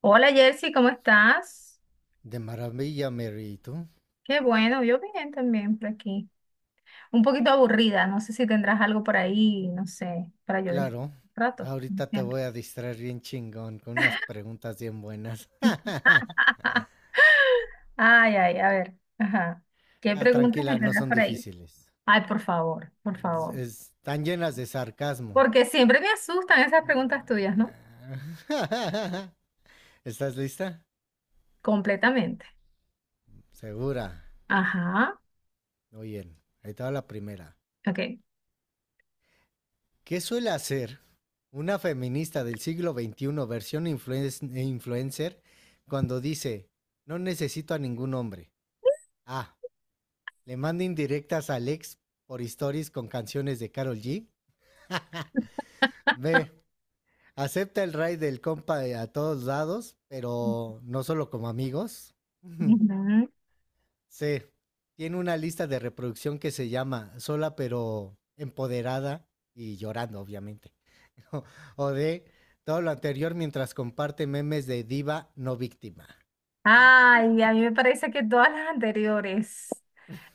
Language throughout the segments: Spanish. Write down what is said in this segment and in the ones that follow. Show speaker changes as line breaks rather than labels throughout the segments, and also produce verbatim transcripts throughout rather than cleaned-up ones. Hola Jersey, ¿cómo estás?
De maravilla, Mary. ¿Y tú?
Qué bueno, yo bien también por aquí. Un poquito aburrida, no sé si tendrás algo por ahí, no sé, para yo dis-
Claro.
un rato. Como
Ahorita te
siempre.
voy a distraer bien chingón con unas preguntas bien buenas.
Ay, ay, a ver, ajá. ¿Qué
Ah,
preguntas me
tranquila, no
tendrás
son
por ahí?
difíciles.
Ay, por favor, por
Es-
favor.
Están llenas de sarcasmo.
Porque siempre me asustan esas preguntas tuyas, ¿no?
Ah. ¿Estás lista?
Completamente.
Segura.
Ajá,
Muy bien. Ahí te va la primera.
ok.
¿Qué suele hacer una feminista del siglo veintiuno versión influen- influencer cuando dice, no necesito a ningún hombre? A. Le manda indirectas a Alex por stories con canciones de Carol G. B. Acepta el raid del compa de a todos lados, pero no solo como amigos.
Ujú.
C. Tiene una lista de reproducción que se llama Sola pero empoderada y llorando, obviamente. O D. Todo lo anterior mientras comparte memes de diva no víctima.
Ay, a mí me parece que todas las anteriores.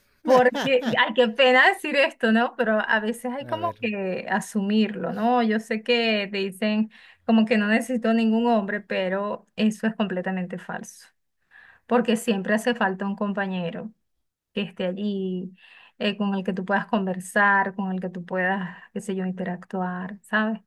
Porque,
A
ay, qué pena decir esto, ¿no? Pero a veces hay como
ver.
que asumirlo, ¿no? Yo sé que te dicen como que no necesito ningún hombre, pero eso es completamente falso, porque siempre hace falta un compañero que esté allí, eh, con el que tú puedas conversar, con el que tú puedas, qué sé yo, interactuar, ¿sabes?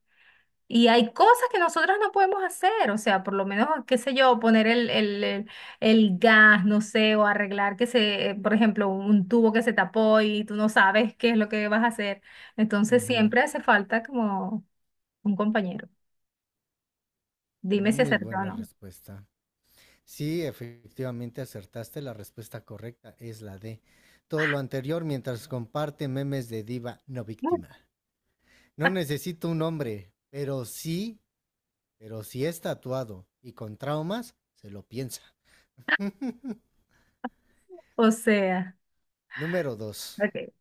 Y hay cosas que nosotras no podemos hacer, o sea, por lo menos, qué sé yo, poner el, el, el- el gas, no sé, o arreglar que se, eh, por ejemplo, un tubo que se tapó y tú no sabes qué es lo que vas a hacer. Entonces
Ujú.
siempre hace falta como un compañero. Dime si
Muy
acertó o
buena
no.
respuesta. Sí, efectivamente acertaste, la respuesta correcta es la D. Todo lo anterior mientras comparte memes de diva no víctima. No necesito un hombre, pero sí, pero si es tatuado y con traumas, se lo piensa.
O sea,
Número dos.
ok.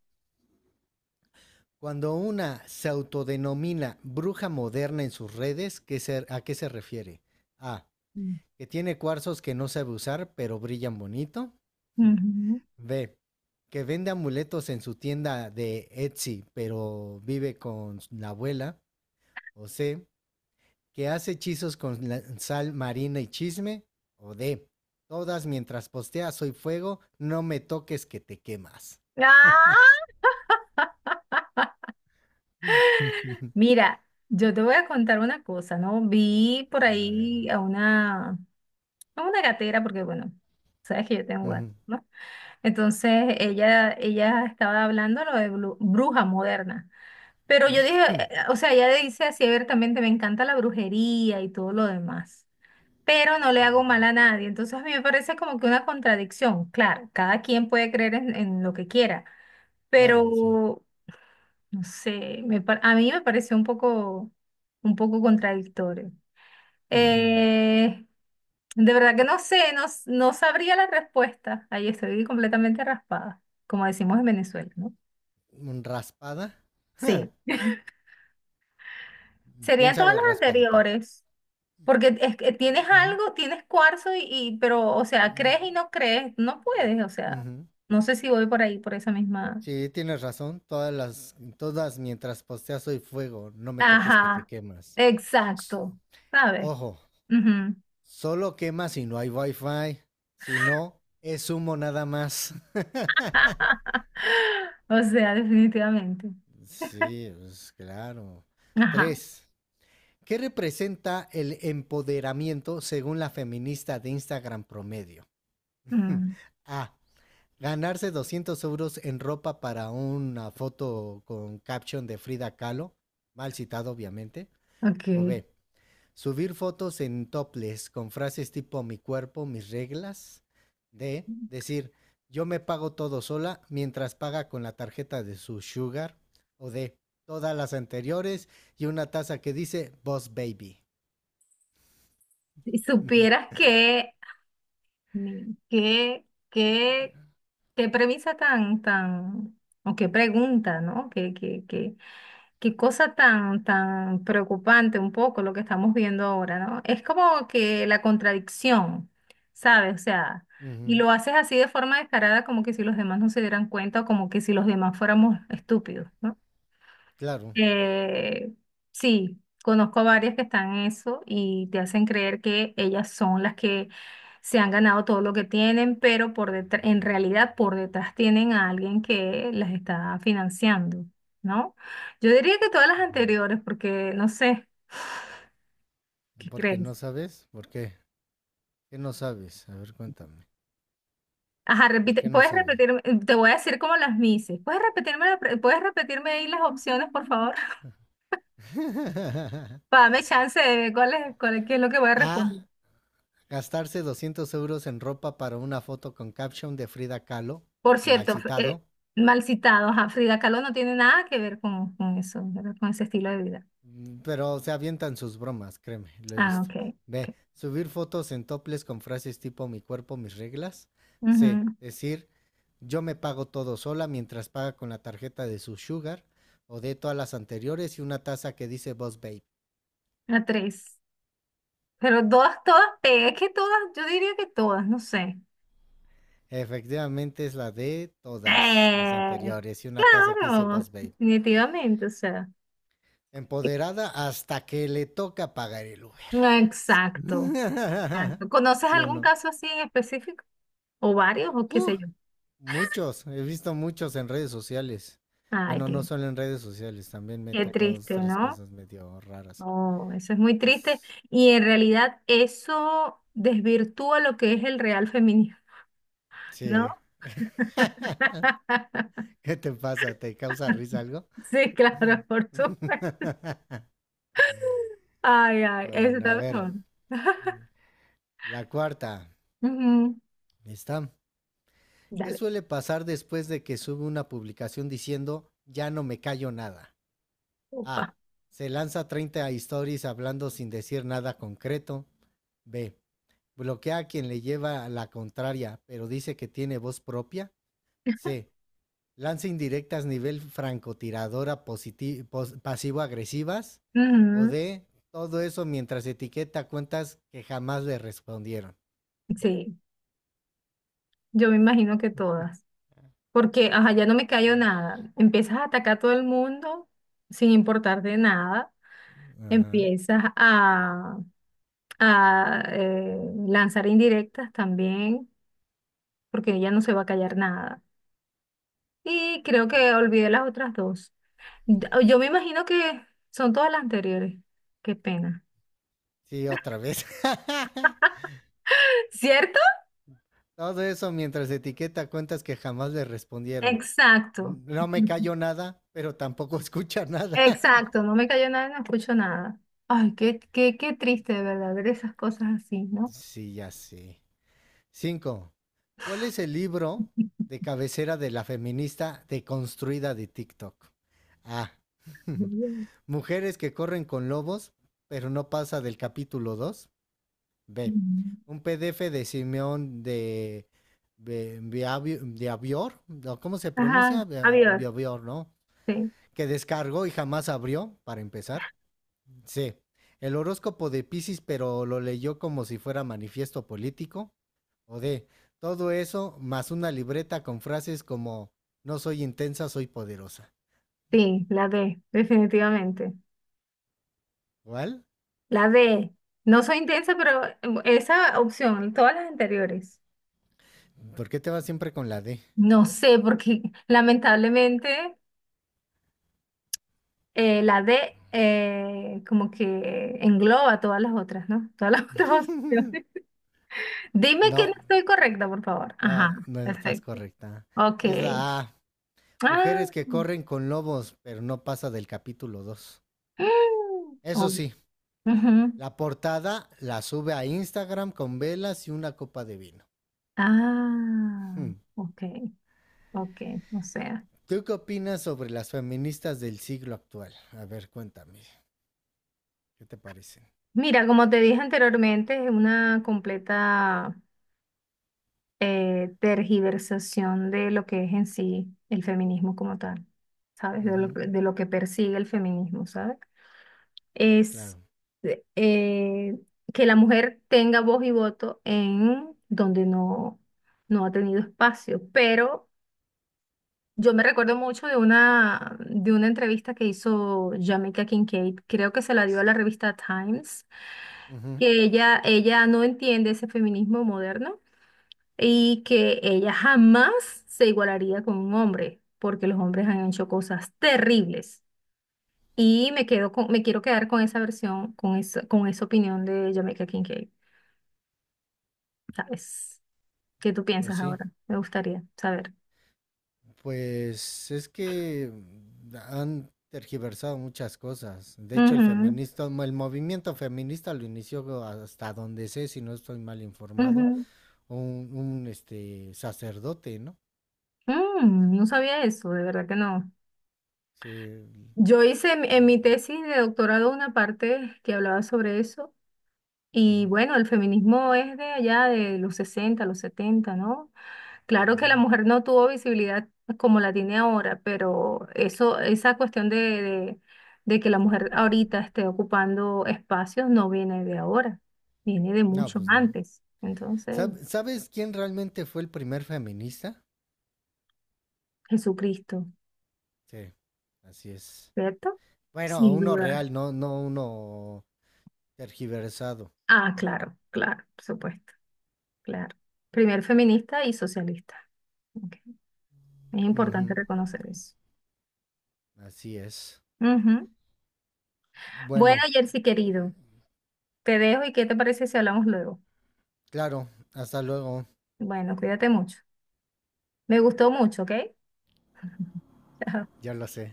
Cuando una se autodenomina bruja moderna en sus redes, ¿qué se- ¿a qué se refiere? A. Que tiene cuarzos que no sabe usar, pero brillan bonito.
Ujú.
B. Que vende amuletos en su tienda de Etsy, pero vive con la abuela. O C. Que hace hechizos con la- sal marina y chisme. O D. Todas mientras postea soy fuego, no me toques que te quemas.
¡Ah! Mira, yo te voy a contar una cosa, ¿no? Vi por
A ver.
ahí a una, a una gatera, porque bueno, sabes que yo tengo gato.
Ujú.
Entonces ella, ella estaba hablando lo de blu- bruja moderna. Pero yo dije, eh, o sea, ella dice así abiertamente, me encanta la brujería y todo lo demás, pero no le hago mal a nadie. Entonces a mí me parece como que una contradicción. Claro, cada quien puede creer en, en lo que quiera,
Claro. Sí.
pero no sé, me pa- a mí me pareció un poco, un poco contradictorio. Eh, de verdad que no sé, no, s- no sabría la respuesta. Ahí estoy completamente raspada, como decimos en Venezuela, ¿no?
un ¿Raspada?
Sí, serían todas
Piénsale
las
raspadita.
anteriores, porque es que tienes
Ujú.
algo, tienes cuarzo y, y- pero, o sea, crees y no crees, no puedes, o sea,
Ujú.
no sé si voy por ahí, por esa misma.
Sí, tienes razón. Todas las, todas mientras posteas soy fuego. No me toques que te
Ajá,
quemas. S-
exacto, ¿sabes?
Ojo,
Ujú.
solo quema si no hay wifi. Si no, es humo nada más.
O sea, definitivamente.
Sí, pues claro.
Ajá.
Tres. ¿Qué representa el empoderamiento según la feminista de Instagram promedio?
Mm,
A. Ganarse doscientos euros en ropa para una foto con caption de Frida Kahlo, mal citado obviamente. O
ok.
B, subir fotos en topless con frases tipo mi cuerpo, mis reglas. D, decir yo me pago todo sola mientras paga con la tarjeta de su sugar. O D, todas las anteriores y una taza que dice Boss Baby.
Si supieras que Mi- ¿Qué, qué, qué premisa tan, tan, o qué pregunta, ¿no? Qué, qué, qué, qué cosa tan, tan preocupante un poco lo que estamos viendo ahora, ¿no? Es como que la contradicción, ¿sabes? O sea, y
Ujú,
lo haces así de forma descarada, como que si los demás no se dieran cuenta o como que si los demás fuéramos estúpidos, ¿no?
claro.
Eh, sí, conozco a varias que están en eso y te hacen creer que ellas son las que se han ganado todo lo que tienen, pero por detrás, en realidad por detrás tienen a alguien que las está financiando, ¿no? Yo diría que todas las
Ujú.
anteriores, porque no sé, ¿qué
¿Por qué
crees?
no sabes? ¿Por qué? ¿Qué no sabes? A ver, cuéntame.
Ajá,
¿Por
repite,
qué no
puedes
sabes?
repetirme, te voy a decir como las mises. ¿Puedes repetirme, la pre- puedes repetirme ahí las opciones, por favor? Para darme chance de ver cuál es, cuál es- qué es lo que voy a
A,
responder.
gastarse doscientos euros en ropa para una foto con caption de Frida Kahlo,
Por
mal
cierto, fr- eh,
citado,
mal citado, ajá, Frida Kahlo no tiene nada que ver con, con eso, ¿verdad? Con ese estilo de vida.
pero se avientan sus bromas, créeme, lo he
Ah,
visto.
ok.
B.
Ok.
Subir fotos en topless con frases tipo mi cuerpo, mis reglas. C.
Ujú,
Decir yo me pago todo sola mientras paga con la tarjeta de su sugar o de todas las anteriores y una taza que dice Boss Babe.
la tres. Pero todas, todas, pe- es que todas, yo diría que todas, no sé.
Efectivamente es la de todas las
Eh,
anteriores y una taza que dice
claro,
Boss Babe.
definitivamente, o sea.
Empoderada hasta que le toca pagar el Uber.
No, exacto, exacto. ¿Conoces
¿Sí o
algún
no?
caso así en específico? ¿O varios? ¿O qué
Uh,
sé yo?
muchos, he visto muchos en redes sociales.
Ay,
Bueno, no
qué,
solo en redes sociales, también me he
qué
topado dos,
triste,
tres
¿no?
cosas medio raras.
No, eso es muy triste
Pues,
y en realidad eso desvirtúa lo que es el real feminismo, ¿no?
sí. ¿Qué te pasa? ¿Te causa risa algo?
Sí, claro, por supuesto. Ay, ay, eso
Bueno,
está
a ver.
mejor.
La cuarta.
Ujú,
Está. ¿Qué
dale,
suele pasar después de que sube una publicación diciendo ya no me callo nada?
opa.
A. Se lanza treinta stories hablando sin decir nada concreto. B. Bloquea a quien le lleva la contraria, pero dice que tiene voz propia. C. Lanza indirectas nivel francotiradora positi- pasivo-agresivas. O
Ujú,
D. Todo eso mientras etiqueta cuentas que jamás le respondieron.
sí, yo me imagino que todas. Porque, ajá, ya no me cayó nada. Empiezas a atacar a todo el mundo sin importarte nada.
Ajá.
Empiezas a, a eh, lanzar indirectas también. Porque ella no se va a callar nada. Y creo que olvidé las otras dos. D- Yo me imagino que son todas las anteriores. Qué pena.
Sí, otra vez.
¿Cierto?
Todo eso mientras etiqueta cuentas que jamás le respondieron.
Exacto.
No me callo nada, pero tampoco escucha nada.
Exacto, no me cayó nada, no escucho nada. Ay, qué, qué, qué triste, de verdad, ver esas cosas así, ¿no?
Sí, ya sé. Cinco. ¿Cuál es el libro de cabecera de la feminista deconstruida de TikTok? A. Mujeres que corren con lobos, pero no pasa del capítulo dos. B.
Mm.
Un P D F de Simeón de Be- de Avior, ¿no? ¿Cómo se pronuncia?
Ajá,
Bea-,
adiós.
¿no?
Sí,
Que descargó y jamás abrió, para empezar. C. El horóscopo de Piscis pero lo leyó como si fuera manifiesto político o D. Todo eso más una libreta con frases como no soy intensa, soy poderosa.
sí, la D, definitivamente.
¿Cuál?
La D. No soy intensa, pero em, esa opción, todas las anteriores.
¿Por qué te vas siempre con la D?
No sé, porque lamentablemente eh, la D eh, como que engloba todas las otras, ¿no? Todas las otras opciones. Dime que
No,
no estoy correcta, por favor. Ajá,
no, no estás
perfecto.
correcta.
Ok.
Es la A.
Ah.
Mujeres que
Mm,
corren con lobos, pero no pasa del capítulo dos. Eso
uy,
sí,
ujú.
la portada la sube a Instagram con velas y una copa de vino.
Ah,
Hmm.
ok, ok. O sea,
¿Tú qué opinas sobre las feministas del siglo actual? A ver, cuéntame, ¿qué te parecen?
mira, como te dije anteriormente, es una completa eh, tergiversación de lo que es en sí el feminismo como tal, ¿sabes? De lo,
Ujú,
de lo que persigue el feminismo, ¿sabes? Es
claro.
eh, eh, que la mujer tenga voz y voto en donde no, no ha tenido espacio, pero yo me recuerdo mucho de una, de una entrevista que hizo Jamaica Kincaid, creo que se la dio a la revista Times,
Ujú.
que ella, ella no entiende ese feminismo moderno y que ella jamás se igualaría con un hombre, porque los hombres han hecho cosas terribles. Y me quedo con, me quiero quedar con esa versión, con esa, con esa opinión de Jamaica Kincaid, ¿sabes? ¿Qué tú
Pues
piensas
sí,
ahora? Me gustaría saber.
pues es que han tergiversado muchas cosas. De hecho, el
Ujú,
feminista, el movimiento feminista lo inició hasta donde sé, si no estoy mal informado,
ujú.
un, un este sacerdote, ¿no?
Mm, no sabía eso, de verdad que no.
Sí.
Yo hice en, en mi
Ujú,
tesis de doctorado una parte que hablaba sobre eso. Y bueno, el feminismo es de allá de los sesenta, los setenta, ¿no? Claro que la
ujú.
mujer no tuvo visibilidad como la tiene ahora, pero eso, esa cuestión de, de- de que la mujer ahorita esté ocupando espacios no viene de ahora, viene de
No,
mucho
pues no.
antes. Entonces,
¿Sab- ¿Sabes quién realmente fue el primer feminista?
Jesucristo,
Sí, así es.
¿cierto?
Bueno,
Sin
uno
duda.
real, no, no uno tergiversado.
Ah, claro, claro, por supuesto, claro. Primer feminista y socialista. Ok. Es importante
Ujú,
reconocer eso.
así es.
Ujú. Bueno,
Bueno,
Jersey querido, te dejo y ¿qué te parece si hablamos luego?
claro, hasta luego,
Bueno, cuídate mucho. Me gustó mucho, ¿ok? Chao.
ya lo sé.